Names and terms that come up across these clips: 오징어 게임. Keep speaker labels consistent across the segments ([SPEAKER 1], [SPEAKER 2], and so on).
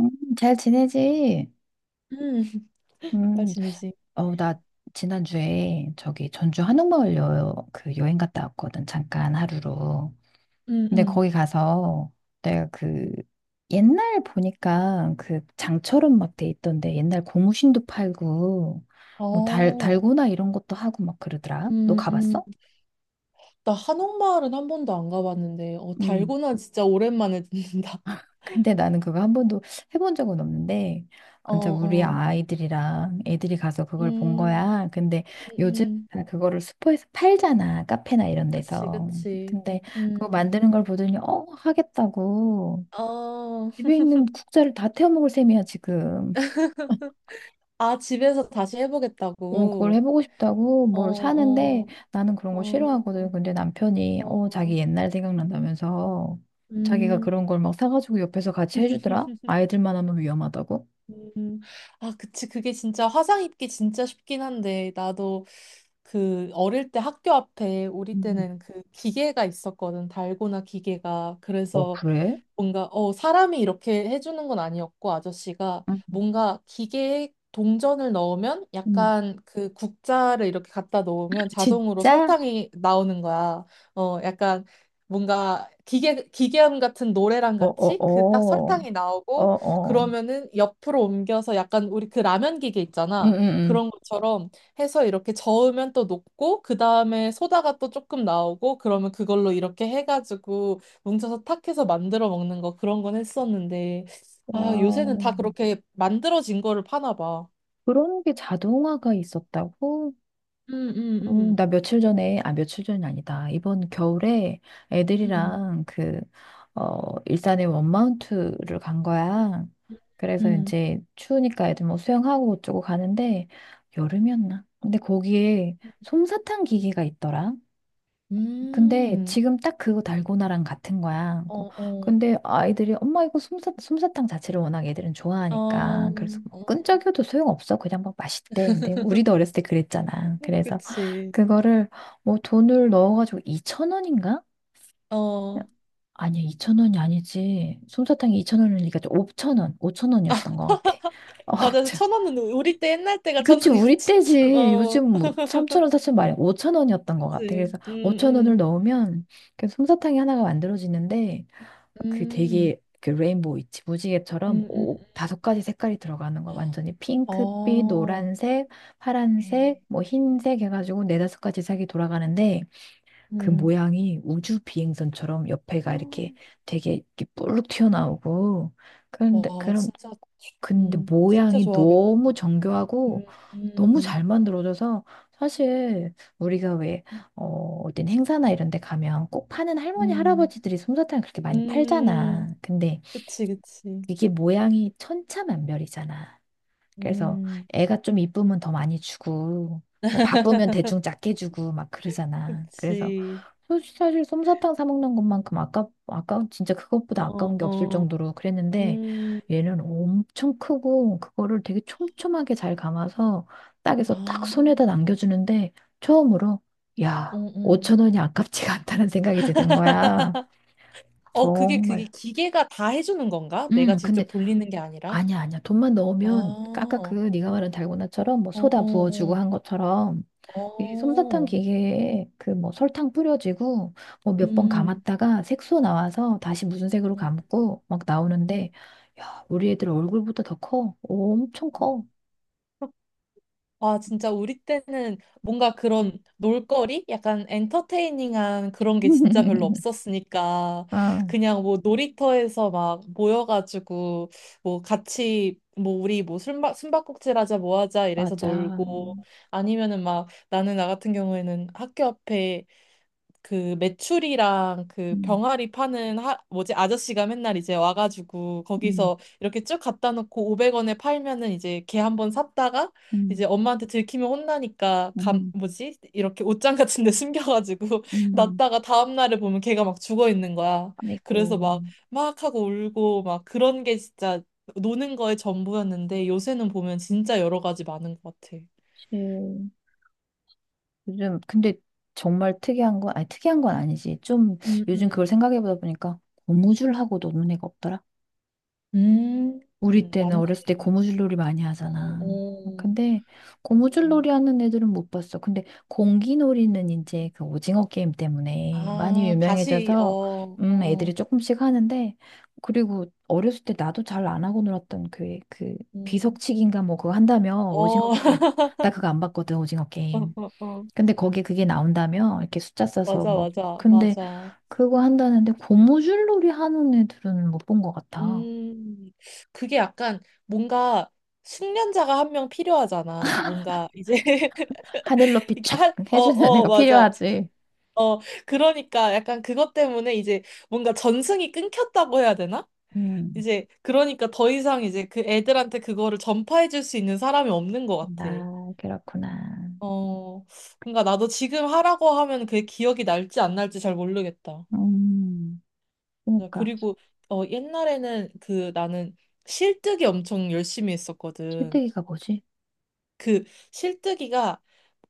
[SPEAKER 1] 음, 잘 지내지?
[SPEAKER 2] 음, 잘
[SPEAKER 1] 음,
[SPEAKER 2] 지내지.
[SPEAKER 1] 나 지난주에 저기 전주 한옥마을 그 여행 갔다 왔거든, 잠깐 하루로.
[SPEAKER 2] 음,
[SPEAKER 1] 근데 거기
[SPEAKER 2] 음.
[SPEAKER 1] 가서 내가 그 옛날 보니까 그 장처럼 막 돼 있던데 옛날 고무신도 팔고 뭐
[SPEAKER 2] 어,
[SPEAKER 1] 달고나 이런 것도 하고 막 그러더라. 너
[SPEAKER 2] 음, 음.
[SPEAKER 1] 가봤어?
[SPEAKER 2] 나 한옥마을은 한 번도 안 가봤는데, 어,
[SPEAKER 1] 음.
[SPEAKER 2] 달고나 진짜 오랜만에 듣는다.
[SPEAKER 1] 근데 나는 그거 한 번도 해본 적은 없는데,
[SPEAKER 2] 어,
[SPEAKER 1] 진짜 우리
[SPEAKER 2] 어.
[SPEAKER 1] 아이들이랑 애들이 가서 그걸 본
[SPEAKER 2] 음,
[SPEAKER 1] 거야. 근데
[SPEAKER 2] 음,
[SPEAKER 1] 요즘
[SPEAKER 2] 음.
[SPEAKER 1] 다 그거를 슈퍼에서 팔잖아. 카페나 이런
[SPEAKER 2] 그치,
[SPEAKER 1] 데서.
[SPEAKER 2] 그치.
[SPEAKER 1] 근데 그거
[SPEAKER 2] 음.
[SPEAKER 1] 만드는 걸 보더니, 하겠다고.
[SPEAKER 2] 어,
[SPEAKER 1] 집에 있는 국자를 다 태워 먹을 셈이야, 지금.
[SPEAKER 2] 아, 집에서 다시
[SPEAKER 1] 그걸
[SPEAKER 2] 해보겠다고.
[SPEAKER 1] 해보고 싶다고
[SPEAKER 2] 어,
[SPEAKER 1] 뭘 사는데
[SPEAKER 2] 어,
[SPEAKER 1] 나는 그런 거 싫어하거든.
[SPEAKER 2] 어,
[SPEAKER 1] 근데 남편이,
[SPEAKER 2] 어.
[SPEAKER 1] 자기 옛날 생각난다면서 자기가
[SPEAKER 2] 음.
[SPEAKER 1] 그런 걸 막 사가지고 옆에서 같이 해주더라? 아이들만 하면 위험하다고?
[SPEAKER 2] 음, 아, 그치. 그게 진짜 화상 입기 진짜 쉽긴 한데, 나도 그 어릴 때 학교 앞에 우리 때는 그 기계가 있었거든. 달고나 기계가.
[SPEAKER 1] 어,
[SPEAKER 2] 그래서
[SPEAKER 1] 그래?
[SPEAKER 2] 뭔가 어 사람이 이렇게 해주는 건 아니었고 아저씨가
[SPEAKER 1] 응,
[SPEAKER 2] 뭔가 기계에 동전을 넣으면
[SPEAKER 1] 응,
[SPEAKER 2] 약간 그 국자를 이렇게 갖다 놓으면 자동으로
[SPEAKER 1] 진짜?
[SPEAKER 2] 설탕이 나오는 거야. 어 약간 뭔가 기계 기계음 같은 노래랑
[SPEAKER 1] 어,
[SPEAKER 2] 같이 그 딱
[SPEAKER 1] 어, 어,
[SPEAKER 2] 설탕이
[SPEAKER 1] 어,
[SPEAKER 2] 나오고
[SPEAKER 1] 어.
[SPEAKER 2] 그러면은 옆으로 옮겨서 약간 우리 그 라면 기계
[SPEAKER 1] 응,
[SPEAKER 2] 있잖아.
[SPEAKER 1] 응,
[SPEAKER 2] 그런 것처럼 해서 이렇게 저으면 또 녹고 그 다음에 소다가 또 조금 나오고 그러면 그걸로 이렇게 해가지고 뭉쳐서 탁해서 만들어 먹는 거 그런 건 했었는데
[SPEAKER 1] 야,
[SPEAKER 2] 아 요새는 다
[SPEAKER 1] 응. 야,
[SPEAKER 2] 그렇게 만들어진 거를 파나 봐.
[SPEAKER 1] 그런 게 자동화가 있었다고?
[SPEAKER 2] 음, 음, 음,
[SPEAKER 1] 나 며칠 전에, 아, 며칠 전이 아니다. 이번 겨울에
[SPEAKER 2] 음,
[SPEAKER 1] 애들이랑 일산에 원마운트를 간 거야. 그래서
[SPEAKER 2] 음,
[SPEAKER 1] 이제 추우니까 애들 뭐 수영하고 어쩌고 가는데, 여름이었나? 근데 거기에 솜사탕 기계가 있더라. 근데
[SPEAKER 2] 음,
[SPEAKER 1] 지금 딱 그거 달고나랑 같은 거야. 어,
[SPEAKER 2] 어, 어,
[SPEAKER 1] 근데 아이들이 엄마 이거 솜사탕 자체를 워낙 애들은
[SPEAKER 2] 어,
[SPEAKER 1] 좋아하니까 그래서 뭐
[SPEAKER 2] 어,
[SPEAKER 1] 끈적여도 소용없어. 그냥 막 맛있대. 근데 우리도 어렸을 때 그랬잖아. 그래서
[SPEAKER 2] 그치.
[SPEAKER 1] 그거를 뭐 돈을 넣어가지고 2천 원인가?
[SPEAKER 2] 어,
[SPEAKER 1] 아니야 2천 원이 아니지. 솜사탕이 2천 원이니까 5천 원, 5천 원이었던 것 같아. 어,
[SPEAKER 2] 맞아. 그래서 천 원은 우리 때 옛날 때가 천
[SPEAKER 1] 그치, 우리
[SPEAKER 2] 원이었지.
[SPEAKER 1] 때지.
[SPEAKER 2] 어,
[SPEAKER 1] 요즘 뭐 3,000원, 4,000원 말이 5,000원이었던 것 같아.
[SPEAKER 2] 그치.
[SPEAKER 1] 그래서 5,000원을
[SPEAKER 2] 음,
[SPEAKER 1] 넣으면 그 솜사탕이 하나가 만들어지는데 그
[SPEAKER 2] 음,
[SPEAKER 1] 되게 그 레인보우 있지. 무지개처럼
[SPEAKER 2] 음, 음, 음.
[SPEAKER 1] 오, 다섯 가지 색깔이 들어가는 거. 완전히 핑크빛,
[SPEAKER 2] 어,
[SPEAKER 1] 노란색, 파란색,
[SPEAKER 2] 에
[SPEAKER 1] 뭐 흰색 해가지고 네다섯 가지 색이 돌아가는데 그
[SPEAKER 2] 음.
[SPEAKER 1] 모양이 우주 비행선처럼 옆에가 이렇게 되게 이렇게 뿔룩 튀어나오고
[SPEAKER 2] 어,
[SPEAKER 1] 그런데
[SPEAKER 2] 와,
[SPEAKER 1] 그런
[SPEAKER 2] 진짜,
[SPEAKER 1] 근데
[SPEAKER 2] 진짜
[SPEAKER 1] 모양이
[SPEAKER 2] 좋아하겠다.
[SPEAKER 1] 너무 정교하고 너무
[SPEAKER 2] 음,
[SPEAKER 1] 잘 만들어져서 사실 우리가 왜 어떤 행사나 이런 데 가면 꼭 파는 할머니
[SPEAKER 2] 음,
[SPEAKER 1] 할아버지들이 솜사탕을 그렇게 많이 팔잖아.
[SPEAKER 2] 음,
[SPEAKER 1] 근데
[SPEAKER 2] 그치, 그치.
[SPEAKER 1] 이게 모양이 천차만별이잖아. 그래서
[SPEAKER 2] 음,
[SPEAKER 1] 애가 좀 이쁘면 더 많이 주고 뭐 바쁘면 대충 작게 주고 막 그러잖아. 그래서
[SPEAKER 2] 그치.
[SPEAKER 1] 솔직히 사실 솜사탕 사 먹는 것만큼 아까 진짜 그것보다
[SPEAKER 2] 어,
[SPEAKER 1] 아까운 게 없을
[SPEAKER 2] 어,
[SPEAKER 1] 정도로 그랬는데
[SPEAKER 2] 음,
[SPEAKER 1] 얘는 엄청 크고 그거를 되게 촘촘하게 잘 감아서 딱해서
[SPEAKER 2] 아,
[SPEAKER 1] 딱 손에다 남겨주는데 처음으로
[SPEAKER 2] 어,
[SPEAKER 1] 야
[SPEAKER 2] 어.
[SPEAKER 1] 5천 원이 아깝지가 않다는 생각이 드는 거야
[SPEAKER 2] 어, 그게, 그게
[SPEAKER 1] 정말.
[SPEAKER 2] 기계가 다 해주는 건가? 내가
[SPEAKER 1] 근데
[SPEAKER 2] 직접 돌리는 게 아니라?
[SPEAKER 1] 아니야 돈만
[SPEAKER 2] 아,
[SPEAKER 1] 넣으면 아까 그
[SPEAKER 2] 어,
[SPEAKER 1] 네가 말한 달고나처럼 뭐
[SPEAKER 2] 어,
[SPEAKER 1] 소다 부어주고
[SPEAKER 2] 어,
[SPEAKER 1] 한 것처럼 이 솜사탕
[SPEAKER 2] 어,
[SPEAKER 1] 기계에 그 뭐 설탕 뿌려지고 뭐 몇 번
[SPEAKER 2] 음,
[SPEAKER 1] 감았다가 색소 나와서 다시 무슨 색으로
[SPEAKER 2] 음,
[SPEAKER 1] 감고 막
[SPEAKER 2] 음.
[SPEAKER 1] 나오는데 야, 우리 애들 얼굴보다 더 커. 엄청 커.
[SPEAKER 2] 와, 진짜 우리 때는 뭔가 그런 놀거리? 약간 엔터테이닝한 그런 게 진짜 별로 없었으니까
[SPEAKER 1] 아,
[SPEAKER 2] 그냥 뭐 놀이터에서 막 모여가지고 뭐 같이 뭐 우리 뭐 숨바꼭질 하자 뭐 하자 이래서
[SPEAKER 1] 맞아.
[SPEAKER 2] 놀고 아니면은 막 나는 나 같은 경우에는 학교 앞에 그 메추리랑 그
[SPEAKER 1] 음,
[SPEAKER 2] 병아리 파는 뭐지 아저씨가 맨날 이제 와가지고
[SPEAKER 1] 음,
[SPEAKER 2] 거기서 이렇게 쭉 갖다 놓고 500원에 팔면은 이제 걔 한 번 샀다가
[SPEAKER 1] 음,
[SPEAKER 2] 이제 엄마한테 들키면 혼나니까 감
[SPEAKER 1] 음,
[SPEAKER 2] 뭐지 이렇게 옷장 같은 데 숨겨가지고
[SPEAKER 1] 음.
[SPEAKER 2] 났다가 다음 날을 보면 걔가 막 죽어 있는 거야.
[SPEAKER 1] 아이고.
[SPEAKER 2] 그래서 막 막 하고 울고 막 그런 게 진짜 노는 거의 전부였는데 요새는 보면 진짜 여러 가지 많은 것 같아.
[SPEAKER 1] 실 요즘 근데 정말 특이한 건 아니 특이한 건 아니지. 좀
[SPEAKER 2] 음,
[SPEAKER 1] 요즘 그걸
[SPEAKER 2] 음.
[SPEAKER 1] 생각해 보다 보니까 고무줄하고도 노는 애가 없더라.
[SPEAKER 2] 음,
[SPEAKER 1] 우리 때는
[SPEAKER 2] 맞네.
[SPEAKER 1] 어렸을 때 고무줄놀이 많이
[SPEAKER 2] 어,
[SPEAKER 1] 하잖아.
[SPEAKER 2] 어.
[SPEAKER 1] 근데
[SPEAKER 2] 맞아.
[SPEAKER 1] 고무줄놀이 하는 애들은 못 봤어. 근데 공기놀이는 이제 그 오징어 게임 때문에 많이
[SPEAKER 2] 아, 다시,
[SPEAKER 1] 유명해져서
[SPEAKER 2] 어, 어,
[SPEAKER 1] 애들이 조금씩 하는데 그리고 어렸을 때 나도 잘 안 하고 놀았던 그
[SPEAKER 2] 음,
[SPEAKER 1] 비석치기인가 뭐 그거 한다며 오징어
[SPEAKER 2] 어,
[SPEAKER 1] 게임. 나 그거 안 봤거든 오징어 게임.
[SPEAKER 2] 어,
[SPEAKER 1] 근데 거기에 그게 나온다며 이렇게 숫자 써서
[SPEAKER 2] 맞아,
[SPEAKER 1] 뭐
[SPEAKER 2] 맞아,
[SPEAKER 1] 근데
[SPEAKER 2] 맞아.
[SPEAKER 1] 그거 한다는데 고무줄놀이 하는 애들은 못 본 것 같아.
[SPEAKER 2] 음, 그게 약간 뭔가 숙련자가 한 명 필요하잖아. 뭔가 이제,
[SPEAKER 1] 하늘 높이
[SPEAKER 2] 이게
[SPEAKER 1] 촥
[SPEAKER 2] 한, 어,
[SPEAKER 1] 해주는
[SPEAKER 2] 어,
[SPEAKER 1] 애가
[SPEAKER 2] 맞아.
[SPEAKER 1] 필요하지.
[SPEAKER 2] 어, 그러니까 약간 그것 때문에 이제 뭔가 전승이 끊겼다고 해야 되나?
[SPEAKER 1] 음.
[SPEAKER 2] 이제, 그러니까 더 이상 이제 그 애들한테 그거를 전파해 줄 수 있는 사람이 없는 것 같아.
[SPEAKER 1] 아, 그렇구나.
[SPEAKER 2] 어, 그러니까 나도 지금 하라고 하면 그게 기억이 날지 안 날지 잘 모르겠다.
[SPEAKER 1] 음.
[SPEAKER 2] 어,
[SPEAKER 1] 그러니까
[SPEAKER 2] 그리고 어, 옛날에는 그 나는 실뜨기 엄청 열심히 했었거든.
[SPEAKER 1] 실뜨기가 뭐지?
[SPEAKER 2] 그 실뜨기가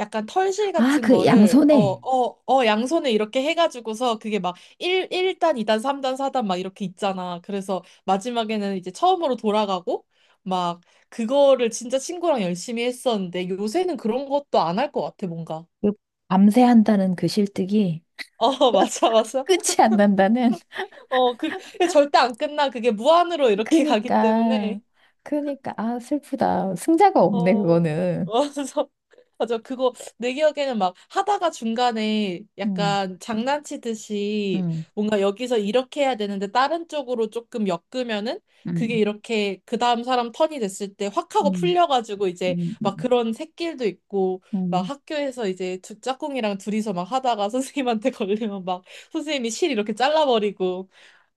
[SPEAKER 2] 약간 털실
[SPEAKER 1] 아,
[SPEAKER 2] 같은
[SPEAKER 1] 그
[SPEAKER 2] 거를 어,
[SPEAKER 1] 양손에
[SPEAKER 2] 어, 어, 양손에 이렇게 해가지고서 그게 막 1, 일단이단삼단사단막 이렇게 있잖아. 그래서 마지막에는 이제 처음으로 돌아가고 막 그거를 진짜 친구랑 열심히 했었는데 요새는 그런 것도 안 할 것 같아, 뭔가.
[SPEAKER 1] 그 밤새 한다는 그 실뜨기
[SPEAKER 2] 어, 맞아, 맞아.
[SPEAKER 1] 끝이 안 난다는.
[SPEAKER 2] 어, 그, 그게 절대 안 끝나. 그게 무한으로 이렇게 가기
[SPEAKER 1] 그니까,
[SPEAKER 2] 때문에.
[SPEAKER 1] 그니까, 아, 슬프다. 승자가 없네,
[SPEAKER 2] 어,
[SPEAKER 1] 그거는.
[SPEAKER 2] 어, 그래서, 맞아. 그거, 내 기억에는 막 하다가 중간에
[SPEAKER 1] 음.
[SPEAKER 2] 약간 장난치듯이
[SPEAKER 1] 음.
[SPEAKER 2] 뭔가 여기서 이렇게 해야 되는데 다른 쪽으로 조금 엮으면은 그게
[SPEAKER 1] 음.
[SPEAKER 2] 이렇게 그 다음 사람 턴이 됐을 때 확 하고
[SPEAKER 1] 음.
[SPEAKER 2] 풀려가지고 이제
[SPEAKER 1] 음.
[SPEAKER 2] 막
[SPEAKER 1] 음.
[SPEAKER 2] 그런 샛길도 있고 막
[SPEAKER 1] 음.
[SPEAKER 2] 학교에서 이제 두 짝꿍이랑 둘이서 막 하다가 선생님한테 걸리면 막 선생님이 실 이렇게 잘라버리고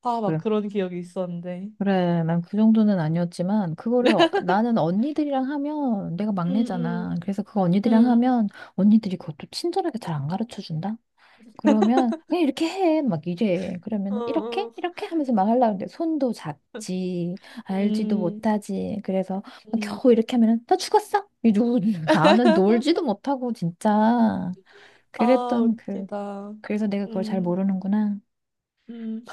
[SPEAKER 2] 아, 막 그런 기억이 있었는데.
[SPEAKER 1] 그래, 난 그 정도는 아니었지만, 그거를, 나는 언니들이랑 하면, 내가
[SPEAKER 2] 음,
[SPEAKER 1] 막내잖아. 그래서 그거
[SPEAKER 2] 음,
[SPEAKER 1] 언니들이랑
[SPEAKER 2] 음,
[SPEAKER 1] 하면, 언니들이 그것도 친절하게 잘 안 가르쳐 준다? 그러면, 그냥 이렇게 해. 막 이래.
[SPEAKER 2] 어,
[SPEAKER 1] 그러면, 이렇게?
[SPEAKER 2] 어.
[SPEAKER 1] 이렇게 하면서 막 하려고 하는데, 손도 작지, 알지도
[SPEAKER 2] 음,
[SPEAKER 1] 못하지. 그래서, 막
[SPEAKER 2] 음.
[SPEAKER 1] 겨우 이렇게 하면은, 나 죽었어? 이러고, 나는 놀지도 못하고, 진짜.
[SPEAKER 2] 아,
[SPEAKER 1] 그랬던
[SPEAKER 2] 웃기다.
[SPEAKER 1] 그래서 내가 그걸 잘
[SPEAKER 2] 음,
[SPEAKER 1] 모르는구나.
[SPEAKER 2] 음.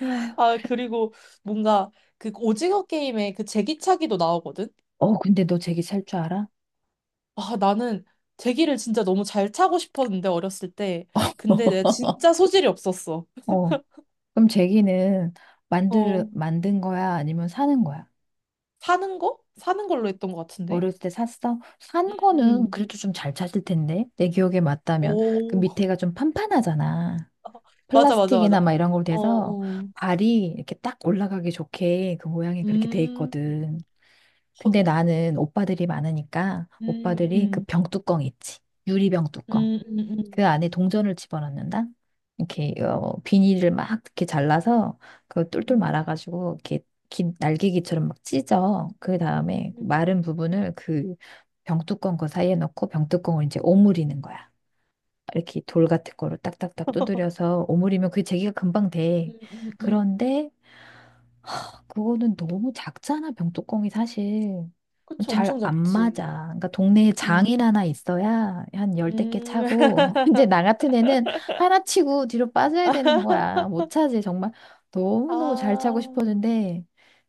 [SPEAKER 1] 아휴,
[SPEAKER 2] 아,
[SPEAKER 1] 그래.
[SPEAKER 2] 그리고 뭔가 그 오징어 게임에 그 제기차기도 나오거든?
[SPEAKER 1] 어, 근데 너 제기 살 줄 알아?
[SPEAKER 2] 아, 나는 제기를 진짜 너무 잘 차고 싶었는데, 어렸을 때. 근데 내가 진짜 소질이 없었어.
[SPEAKER 1] 어. 그럼 제기는
[SPEAKER 2] 어,
[SPEAKER 1] 만든 거야? 아니면 사는 거야?
[SPEAKER 2] 사는 거? 사는 걸로 했던 것 같은데?
[SPEAKER 1] 어렸을 때 샀어?
[SPEAKER 2] 음,
[SPEAKER 1] 산 거는
[SPEAKER 2] 음.
[SPEAKER 1] 그래도 좀 잘 찾을 텐데. 내 기억에 맞다면. 그
[SPEAKER 2] 오,
[SPEAKER 1] 밑에가 좀 판판하잖아.
[SPEAKER 2] 맞아, 맞아, 맞아.
[SPEAKER 1] 플라스틱이나 막 이런 걸로
[SPEAKER 2] 어,
[SPEAKER 1] 돼서
[SPEAKER 2] 어.
[SPEAKER 1] 발이 이렇게 딱 올라가기 좋게 그 모양이 그렇게 돼
[SPEAKER 2] 음, 음,
[SPEAKER 1] 있거든. 근데 나는 오빠들이 많으니까 오빠들이 그
[SPEAKER 2] 음,
[SPEAKER 1] 병뚜껑 있지. 유리병 뚜껑.
[SPEAKER 2] 음, 음, 음.
[SPEAKER 1] 그 안에 동전을 집어넣는다? 이렇게 비닐을 막 이렇게 잘라서 그거 똘똘
[SPEAKER 2] 음.
[SPEAKER 1] 말아가지고 이렇게 긴 날개기처럼 막 찢어. 그 다음에
[SPEAKER 2] 음,
[SPEAKER 1] 마른 부분을 그 병뚜껑 그 사이에 넣고 병뚜껑을 이제 오므리는 거야. 이렇게 돌 같은 거로 딱딱딱 두드려서 오므리면 그 제기가 금방 돼.
[SPEAKER 2] 음, 음, 음.
[SPEAKER 1] 그런데 그거는 너무 작잖아, 병뚜껑이 사실.
[SPEAKER 2] 그치,
[SPEAKER 1] 잘
[SPEAKER 2] 엄청
[SPEAKER 1] 안 맞아.
[SPEAKER 2] 작지.
[SPEAKER 1] 그러니까 동네에
[SPEAKER 2] 음,
[SPEAKER 1] 장일 하나 있어야 한 열댓 개
[SPEAKER 2] 음,
[SPEAKER 1] 차고, 이제 나 같은 애는 하나 치고 뒤로 빠져야 되는 거야. 못 차지, 정말. 너무너무 잘 차고
[SPEAKER 2] 아,
[SPEAKER 1] 싶었는데,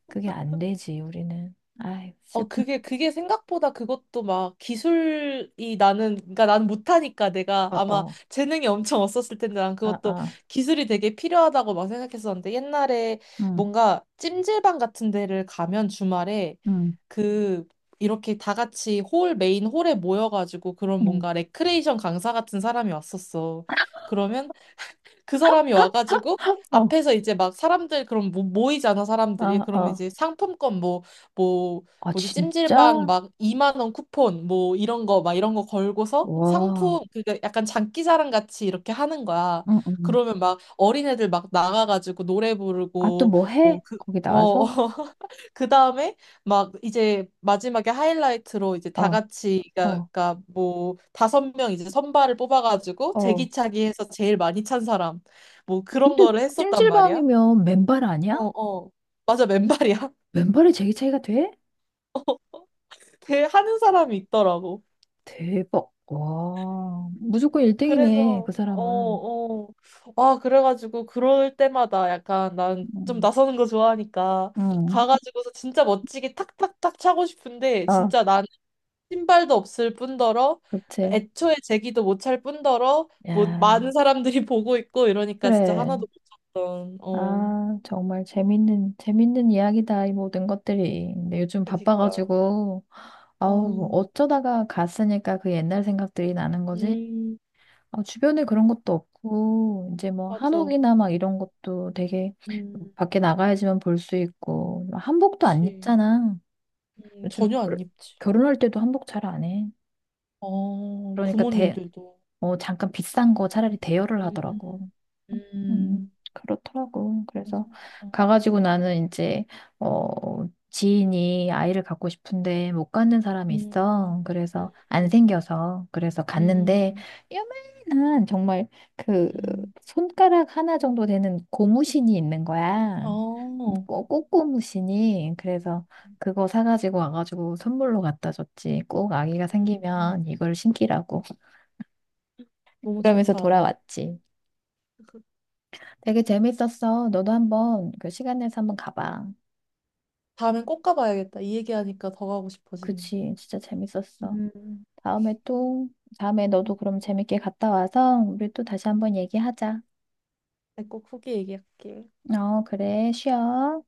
[SPEAKER 1] 그게 안 되지, 우리는. 아이,
[SPEAKER 2] 어,
[SPEAKER 1] 슬픈,
[SPEAKER 2] 그게, 그게 생각보다 그것도 막 기술이 나는, 그러니까 나는 못하니까 내가
[SPEAKER 1] 어,
[SPEAKER 2] 아마
[SPEAKER 1] 어,
[SPEAKER 2] 재능이 엄청 없었을 텐데 난
[SPEAKER 1] 아,
[SPEAKER 2] 그것도
[SPEAKER 1] 아,
[SPEAKER 2] 기술이 되게 필요하다고 막 생각했었는데 옛날에
[SPEAKER 1] 응,
[SPEAKER 2] 뭔가 찜질방 같은 데를 가면 주말에
[SPEAKER 1] 응,
[SPEAKER 2] 그, 이렇게 다 같이 홀, 메인 홀에 모여가지고 그런
[SPEAKER 1] 응,
[SPEAKER 2] 뭔가 레크레이션 강사 같은 사람이 왔었어. 그러면 그 사람이 와가지고
[SPEAKER 1] 어,
[SPEAKER 2] 앞에서 이제 막 사람들 그럼 모이잖아 사람들이
[SPEAKER 1] 아,
[SPEAKER 2] 그럼
[SPEAKER 1] 아.
[SPEAKER 2] 이제 상품권 뭐 뭐
[SPEAKER 1] 아,
[SPEAKER 2] 뭐지 찜질방
[SPEAKER 1] 진짜?
[SPEAKER 2] 막 2만 원 쿠폰 뭐 이런 거 막 이런 거 걸고서
[SPEAKER 1] 와,
[SPEAKER 2] 상품 그게 약간 장기자랑 같이 이렇게 하는 거야
[SPEAKER 1] 응, 응. 응.
[SPEAKER 2] 그러면 막 어린애들 막 나가가지고 노래
[SPEAKER 1] 아, 또
[SPEAKER 2] 부르고
[SPEAKER 1] 뭐
[SPEAKER 2] 뭐
[SPEAKER 1] 해?
[SPEAKER 2] 그
[SPEAKER 1] 거기
[SPEAKER 2] 어
[SPEAKER 1] 나와서?
[SPEAKER 2] 그 다음에 막 이제 마지막에 하이라이트로 이제 다
[SPEAKER 1] 어,
[SPEAKER 2] 같이 그러니까
[SPEAKER 1] 어,
[SPEAKER 2] 그러니까 뭐 다섯 명 이제 선발을 뽑아가지고
[SPEAKER 1] 어.
[SPEAKER 2] 제기차기 해서 제일 많이 찬 사람 뭐 그런
[SPEAKER 1] 근데
[SPEAKER 2] 거를 했었단 말이야.
[SPEAKER 1] 찜질방이면 맨발 아니야?
[SPEAKER 2] 어, 어. 맞아, 맨발이야.
[SPEAKER 1] 맨발에 제기 차이가 돼?
[SPEAKER 2] 그 하는 사람이 있더라고.
[SPEAKER 1] 대박. 와, 무조건 1등이네,
[SPEAKER 2] 그래서
[SPEAKER 1] 그
[SPEAKER 2] 어,
[SPEAKER 1] 사람은.
[SPEAKER 2] 어. 아, 그래가지고 그럴 때마다 약간 난 좀
[SPEAKER 1] 음,
[SPEAKER 2] 나서는 거 좋아하니까
[SPEAKER 1] 음.
[SPEAKER 2] 가가지고서 진짜 멋지게 탁탁탁 차고 싶은데
[SPEAKER 1] 아,
[SPEAKER 2] 진짜 신발도 없을 뿐더러 그
[SPEAKER 1] 그치.
[SPEAKER 2] 애초에 제기도 못 찰 뿐더러 뭐
[SPEAKER 1] 야,
[SPEAKER 2] 많은 사람들이 보고 있고 이러니까 진짜
[SPEAKER 1] 그래.
[SPEAKER 2] 하나도 못 샀던 어
[SPEAKER 1] 아, 정말 재밌는 이야기다, 이 모든 것들이. 근데 요즘
[SPEAKER 2] 그니까
[SPEAKER 1] 바빠가지고, 아우,
[SPEAKER 2] 음,
[SPEAKER 1] 어쩌다가 갔으니까 그 옛날 생각들이 나는 거지.
[SPEAKER 2] 음
[SPEAKER 1] 아, 주변에 그런 것도 없고, 이제 뭐
[SPEAKER 2] 맞아
[SPEAKER 1] 한옥이나 막 이런 것도 되게
[SPEAKER 2] 음
[SPEAKER 1] 밖에 나가야지만 볼 수 있고, 한복도 안
[SPEAKER 2] 그치
[SPEAKER 1] 입잖아. 요즘
[SPEAKER 2] 전혀 안 입지
[SPEAKER 1] 결혼할 때도 한복 잘 안 해.
[SPEAKER 2] 어
[SPEAKER 1] 그러니까
[SPEAKER 2] 부모님들도
[SPEAKER 1] 잠깐 비싼 거 차라리
[SPEAKER 2] 음
[SPEAKER 1] 대여를
[SPEAKER 2] 음
[SPEAKER 1] 하더라고.
[SPEAKER 2] 음
[SPEAKER 1] 음,
[SPEAKER 2] 음.
[SPEAKER 1] 그렇더라고.
[SPEAKER 2] 맞아
[SPEAKER 1] 그래서
[SPEAKER 2] 맞아
[SPEAKER 1] 가가지고 나는 이제 지인이 아이를 갖고 싶은데 못 갖는 사람이
[SPEAKER 2] 음 음
[SPEAKER 1] 있어. 그래서 안
[SPEAKER 2] 음
[SPEAKER 1] 생겨서 그래서 갔는데
[SPEAKER 2] 음
[SPEAKER 1] 요만한 정말 그 손가락 하나 정도 되는 고무신이 있는 거야.
[SPEAKER 2] 어
[SPEAKER 1] 꽃고무신이 그래서 그거 사가지고 와가지고 선물로 갖다 줬지. 꼭 아기가
[SPEAKER 2] 음, 음.
[SPEAKER 1] 생기면 이걸 신기라고.
[SPEAKER 2] 너무
[SPEAKER 1] 그러면서
[SPEAKER 2] 좋다
[SPEAKER 1] 돌아왔지. 되게 재밌었어. 너도 한번 그 시간 내서 한번 가봐.
[SPEAKER 2] 다음엔 꼭 가봐야겠다. 이 얘기하니까 더 가고 싶어지네.
[SPEAKER 1] 그치, 진짜 재밌었어.
[SPEAKER 2] 음.
[SPEAKER 1] 다음에 또, 다음에 너도
[SPEAKER 2] 음.
[SPEAKER 1] 그럼 재밌게 갔다 와서 우리 또 다시 한번 얘기하자.
[SPEAKER 2] 꼭 후기 얘기할게.
[SPEAKER 1] 어, 그래, 쉬어.